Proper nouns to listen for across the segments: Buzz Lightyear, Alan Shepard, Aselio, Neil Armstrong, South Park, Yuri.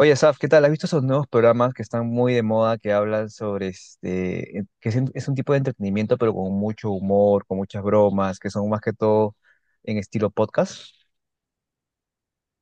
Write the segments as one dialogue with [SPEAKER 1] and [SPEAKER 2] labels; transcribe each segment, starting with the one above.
[SPEAKER 1] Oye, Saf, ¿qué tal? ¿Has visto esos nuevos programas que están muy de moda, que hablan sobre que es un tipo de entretenimiento, pero con mucho humor, con muchas bromas, que son más que todo en estilo podcast?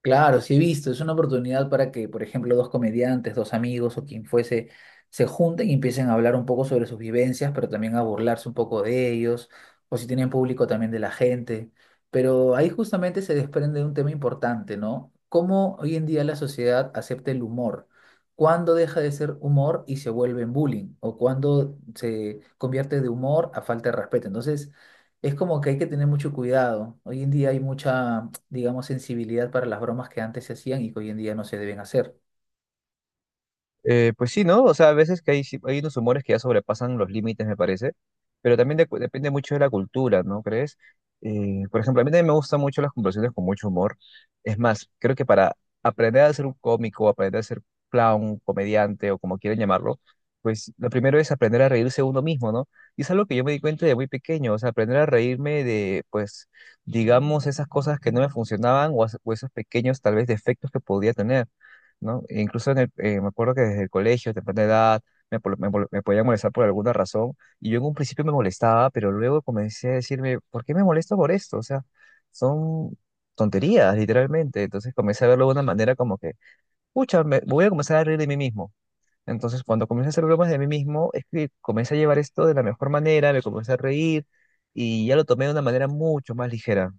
[SPEAKER 2] Claro, sí he visto, es una oportunidad para que, por ejemplo, dos comediantes, dos amigos o quien fuese, se junten y empiecen a hablar un poco sobre sus vivencias, pero también a burlarse un poco de ellos, o si tienen público también de la gente. Pero ahí justamente se desprende un tema importante, ¿no? ¿Cómo hoy en día la sociedad acepta el humor? ¿Cuándo deja de ser humor y se vuelve en bullying? ¿O cuándo se convierte de humor a falta de respeto? Entonces, es como que hay que tener mucho cuidado. Hoy en día hay mucha, digamos, sensibilidad para las bromas que antes se hacían y que hoy en día no se deben hacer.
[SPEAKER 1] Pues sí, ¿no? O sea, a veces que hay unos humores que ya sobrepasan los límites, me parece, pero también depende mucho de la cultura, ¿no crees? Por ejemplo, a mí también me gustan mucho las conversaciones con mucho humor. Es más, creo que para aprender a ser un cómico, aprender a ser clown, comediante o como quieran llamarlo, pues lo primero es aprender a reírse uno mismo, ¿no? Y es algo que yo me di cuenta de muy pequeño, o sea, aprender a reírme de, pues, digamos, esas cosas que no me funcionaban o esos pequeños, tal vez, defectos que podía tener. ¿No? E incluso en me acuerdo que desde el colegio, temprana edad, me podía molestar por alguna razón y yo en un principio me molestaba, pero luego comencé a decirme, ¿por qué me molesto por esto? O sea, son tonterías, literalmente. Entonces comencé a verlo de una manera como que, pucha, me voy a comenzar a reír de mí mismo. Entonces cuando comencé a hacer bromas de mí mismo, es que comencé a llevar esto de la mejor manera, me comencé a reír y ya lo tomé de una manera mucho más ligera.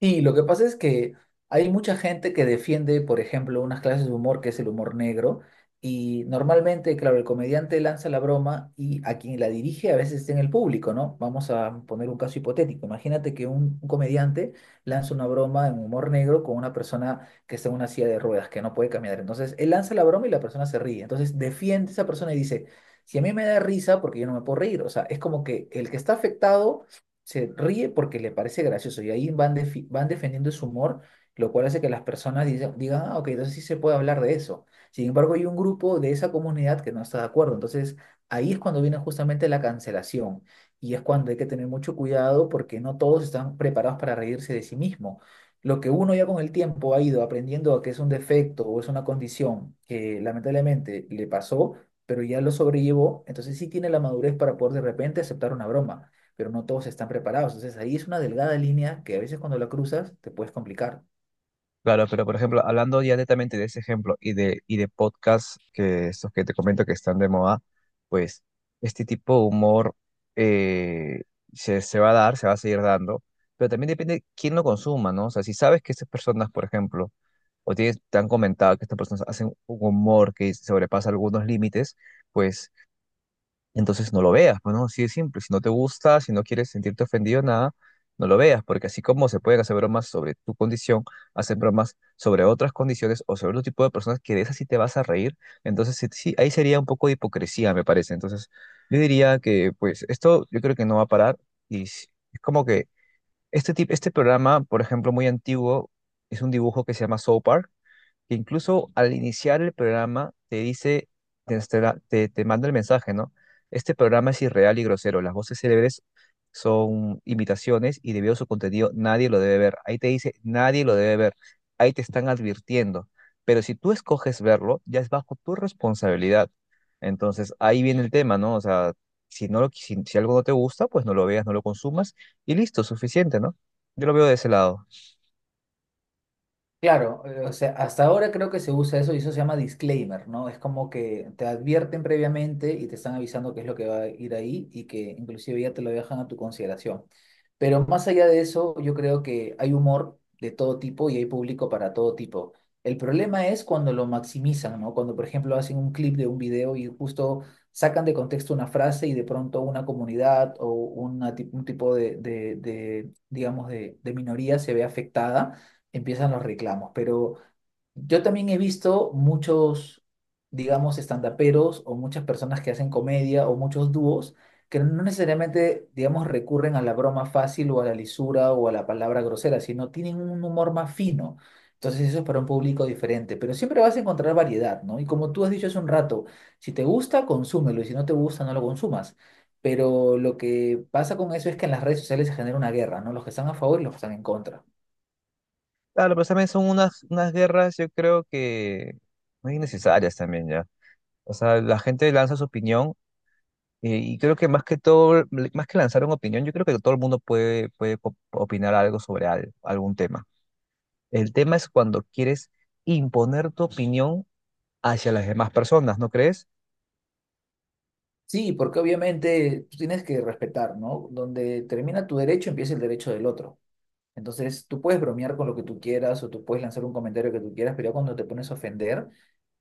[SPEAKER 2] Sí, lo que pasa es que hay mucha gente que defiende, por ejemplo, unas clases de humor que es el humor negro, y normalmente, claro, el comediante lanza la broma y a quien la dirige a veces está en el público, ¿no? Vamos a poner un caso hipotético. Imagínate que un comediante lanza una broma en humor negro con una persona que está en una silla de ruedas, que no puede caminar. Entonces, él lanza la broma y la persona se ríe. Entonces, defiende a esa persona y dice, si a mí me da risa, porque yo no me puedo reír. O sea, es como que el que está afectado se ríe porque le parece gracioso y ahí van, van defendiendo su humor, lo cual hace que las personas digan, ah, ok, entonces sí se puede hablar de eso. Sin embargo, hay un grupo de esa comunidad que no está de acuerdo. Entonces, ahí es cuando viene justamente la cancelación y es cuando hay que tener mucho cuidado porque no todos están preparados para reírse de sí mismo. Lo que uno ya con el tiempo ha ido aprendiendo que es un defecto o es una condición que lamentablemente le pasó, pero ya lo sobrellevó, entonces sí tiene la madurez para poder de repente aceptar una broma, pero no todos están preparados. Entonces ahí es una delgada línea que a veces cuando la cruzas te puedes complicar.
[SPEAKER 1] Claro, pero por ejemplo, hablando ya netamente de ese ejemplo y de podcasts que estos que te comento que están de moda, pues este tipo de humor, eh, se va a dar, se va a seguir dando, pero también depende quién lo consuma, ¿no? O sea, si sabes que estas personas, por ejemplo, te han comentado que estas personas hacen un humor que sobrepasa algunos límites, pues entonces no lo veas, pues, ¿no? Así de simple. Si no te gusta, si no quieres sentirte ofendido, nada, no lo veas, porque así como se pueden hacer bromas sobre tu condición, hacen bromas sobre otras condiciones o sobre otro tipo de personas que de esas sí te vas a reír. Entonces sí, sí, ahí sería un poco de hipocresía, me parece. Entonces yo diría que, pues, esto yo creo que no va a parar y s- es como que este tipo, este programa, por ejemplo, muy antiguo, es un dibujo que se llama South Park, que incluso al iniciar el programa te dice, te, te manda el mensaje, ¿no? Este programa es irreal y grosero, las voces célebres son imitaciones y debido a su contenido nadie lo debe ver. Ahí te dice, nadie lo debe ver, ahí te están advirtiendo, pero si tú escoges verlo, ya es bajo tu responsabilidad. Entonces ahí viene el tema, ¿no? O sea, si algo no te gusta, pues no lo veas, no lo consumas y listo, suficiente, ¿no? Yo lo veo de ese lado.
[SPEAKER 2] Claro, o sea, hasta ahora creo que se usa eso y eso se llama disclaimer, ¿no? Es como que te advierten previamente y te están avisando qué es lo que va a ir ahí y que inclusive ya te lo dejan a tu consideración. Pero más allá de eso, yo creo que hay humor de todo tipo y hay público para todo tipo. El problema es cuando lo maximizan, ¿no? Cuando, por ejemplo, hacen un clip de un video y justo sacan de contexto una frase y de pronto una comunidad o un tipo de, digamos, de minoría se ve afectada, empiezan los reclamos. Pero yo también he visto muchos, digamos, estandaperos o muchas personas que hacen comedia o muchos dúos que no necesariamente, digamos, recurren a la broma fácil o a la lisura o a la palabra grosera, sino tienen un humor más fino. Entonces eso es para un público diferente, pero siempre vas a encontrar variedad, ¿no? Y como tú has dicho hace un rato, si te gusta, consúmelo y si no te gusta, no lo consumas. Pero lo que pasa con eso es que en las redes sociales se genera una guerra, ¿no? Los que están a favor y los que están en contra.
[SPEAKER 1] Claro, pero también son unas guerras, yo creo que muy innecesarias también ya. O sea, la gente lanza su opinión, y creo que más que todo, más que lanzar una opinión, yo creo que todo el mundo puede opinar algo sobre algún tema. El tema es cuando quieres imponer tu opinión hacia las demás personas, ¿no crees?
[SPEAKER 2] Sí, porque obviamente tú tienes que respetar, ¿no? Donde termina tu derecho, empieza el derecho del otro. Entonces, tú puedes bromear con lo que tú quieras o tú puedes lanzar un comentario que tú quieras, pero ya cuando te pones a ofender,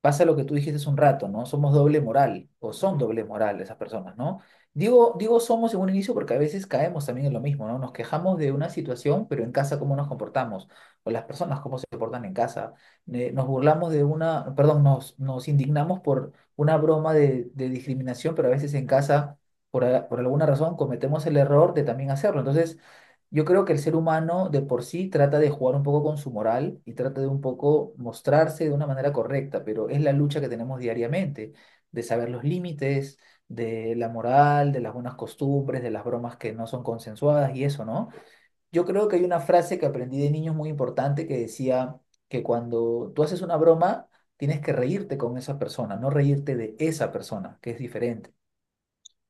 [SPEAKER 2] pasa lo que tú dijiste hace un rato, ¿no? Somos doble moral o son doble moral esas personas, ¿no? Digo, digo somos en un inicio porque a veces caemos también en lo mismo, ¿no? Nos quejamos de una situación, pero en casa cómo nos comportamos o las personas cómo se comportan en casa. Nos burlamos de una, perdón, nos indignamos por una broma de discriminación, pero a veces en casa, por alguna razón, cometemos el error de también hacerlo. Entonces, yo creo que el ser humano de por sí trata de jugar un poco con su moral y trata de un poco mostrarse de una manera correcta, pero es la lucha que tenemos diariamente, de saber los límites, de la moral, de las buenas costumbres, de las bromas que no son consensuadas y eso, ¿no? Yo creo que hay una frase que aprendí de niños muy importante que decía que cuando tú haces una broma, tienes que reírte con esa persona, no reírte de esa persona, que es diferente.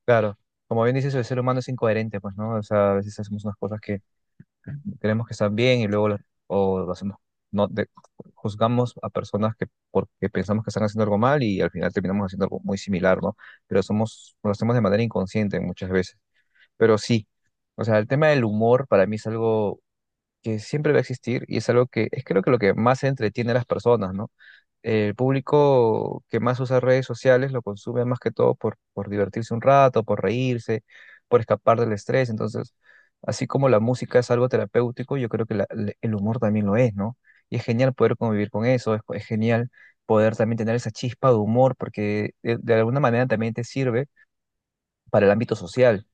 [SPEAKER 1] Claro, como bien dices, el ser humano es incoherente, pues, ¿no? O sea, a veces hacemos unas cosas que queremos que están bien y luego la- o lo hacemos, no, de- juzgamos a personas que porque pensamos que están haciendo algo mal y al final terminamos haciendo algo muy similar, ¿no? Pero somos, lo hacemos de manera inconsciente muchas veces. Pero sí, o sea, el tema del humor para mí es algo que siempre va a existir y es algo que es, creo que lo que más entretiene a las personas, ¿no? El público que más usa redes sociales lo consume más que todo por divertirse un rato, por reírse, por escapar del estrés. Entonces, así como la música es algo terapéutico, yo creo que el humor también lo es, ¿no? Y es genial poder convivir con eso, es genial poder también tener esa chispa de humor, porque de alguna manera también te sirve para el ámbito social,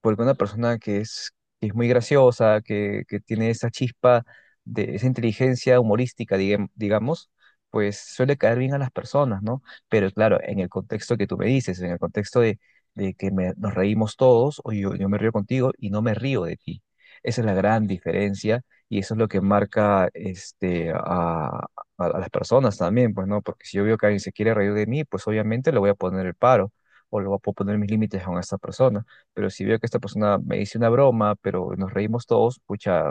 [SPEAKER 1] porque una persona que es muy graciosa, que tiene esa chispa de esa inteligencia humorística, digamos, pues suele caer bien a las personas, ¿no? Pero claro, en el contexto que tú me dices, en el contexto de, nos reímos todos, yo me río contigo y no me río de ti. Esa es la gran diferencia y eso es lo que marca a las personas también, pues, ¿no? Porque si yo veo que alguien se quiere reír de mí, pues obviamente le voy a poner el paro o le voy a poner mis límites a esa persona. Pero si veo que esta persona me dice una broma, pero nos reímos todos, pucha,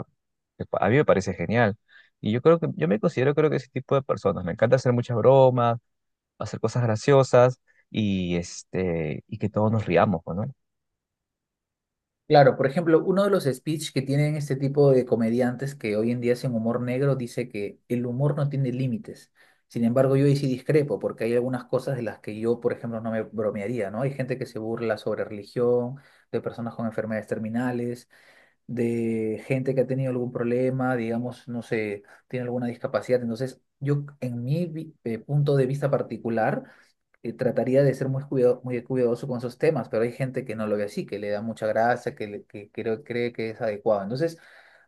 [SPEAKER 1] a mí me parece genial. Y yo creo que, yo me considero creo que ese tipo de personas. Me encanta hacer muchas bromas, hacer cosas graciosas y que todos nos riamos, pues, ¿no?
[SPEAKER 2] Claro, por ejemplo, uno de los speech que tienen este tipo de comediantes que hoy en día hacen humor negro dice que el humor no tiene límites. Sin embargo, yo ahí sí discrepo, porque hay algunas cosas de las que yo, por ejemplo, no me bromearía, ¿no? Hay gente que se burla sobre religión, de personas con enfermedades terminales, de gente que ha tenido algún problema, digamos, no sé, tiene alguna discapacidad. Entonces, yo, en mi punto de vista particular, trataría de ser muy cuidado, muy cuidadoso con esos temas, pero hay gente que no lo ve así, que le da mucha grasa, que cree que es adecuado. Entonces,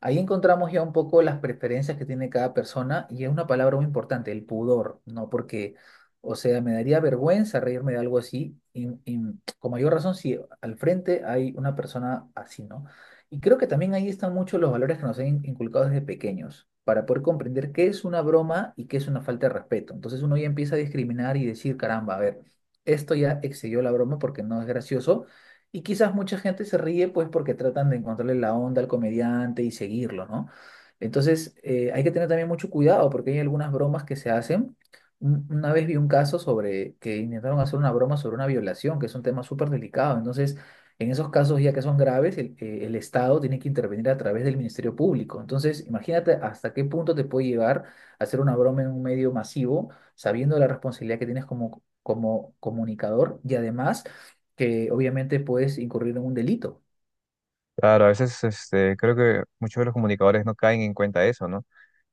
[SPEAKER 2] ahí encontramos ya un poco las preferencias que tiene cada persona y es una palabra muy importante, el pudor, ¿no? Porque, o sea, me daría vergüenza reírme de algo así y con mayor razón si al frente hay una persona así, ¿no? Y creo que también ahí están muchos los valores que nos han inculcado desde pequeños, para poder comprender qué es una broma y qué es una falta de respeto. Entonces uno ya empieza a discriminar y decir, caramba, a ver, esto ya excedió la broma porque no es gracioso. Y quizás mucha gente se ríe pues porque tratan de encontrarle la onda al comediante y seguirlo, ¿no? Entonces hay que tener también mucho cuidado porque hay algunas bromas que se hacen. Una vez vi un caso sobre que intentaron hacer una broma sobre una violación, que es un tema súper delicado. Entonces, en esos casos, ya que son graves, el Estado tiene que intervenir a través del Ministerio Público. Entonces, imagínate hasta qué punto te puede llevar a hacer una broma en un medio masivo, sabiendo la responsabilidad que tienes como comunicador y además que obviamente puedes incurrir en un delito.
[SPEAKER 1] Claro, a veces creo que muchos de los comunicadores no caen en cuenta de eso, ¿no?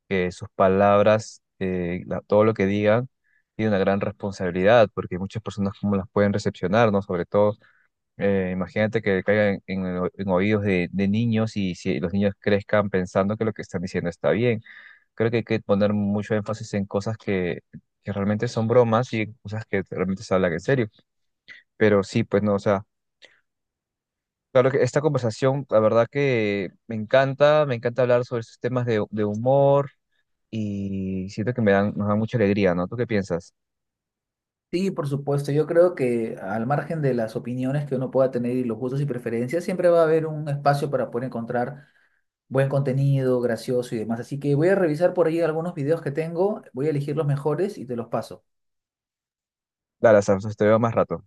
[SPEAKER 1] Que sus palabras, todo lo que digan, tiene una gran responsabilidad, porque muchas personas cómo las pueden recepcionar, ¿no? Sobre todo, imagínate que caiga en oídos de niños, y si los niños crezcan pensando que lo que están diciendo está bien. Creo que hay que poner mucho énfasis en cosas que realmente son bromas y en cosas que realmente se hablan en serio. Pero sí, pues no, o sea, claro que esta conversación, la verdad que me encanta hablar sobre estos temas de humor y siento que me dan, nos dan mucha alegría, ¿no? ¿Tú qué piensas?
[SPEAKER 2] Sí, por supuesto. Yo creo que al margen de las opiniones que uno pueda tener y los gustos y preferencias, siempre va a haber un espacio para poder encontrar buen contenido, gracioso y demás. Así que voy a revisar por ahí algunos videos que tengo, voy a elegir los mejores y te los paso.
[SPEAKER 1] Dale, Sam, te veo más rato.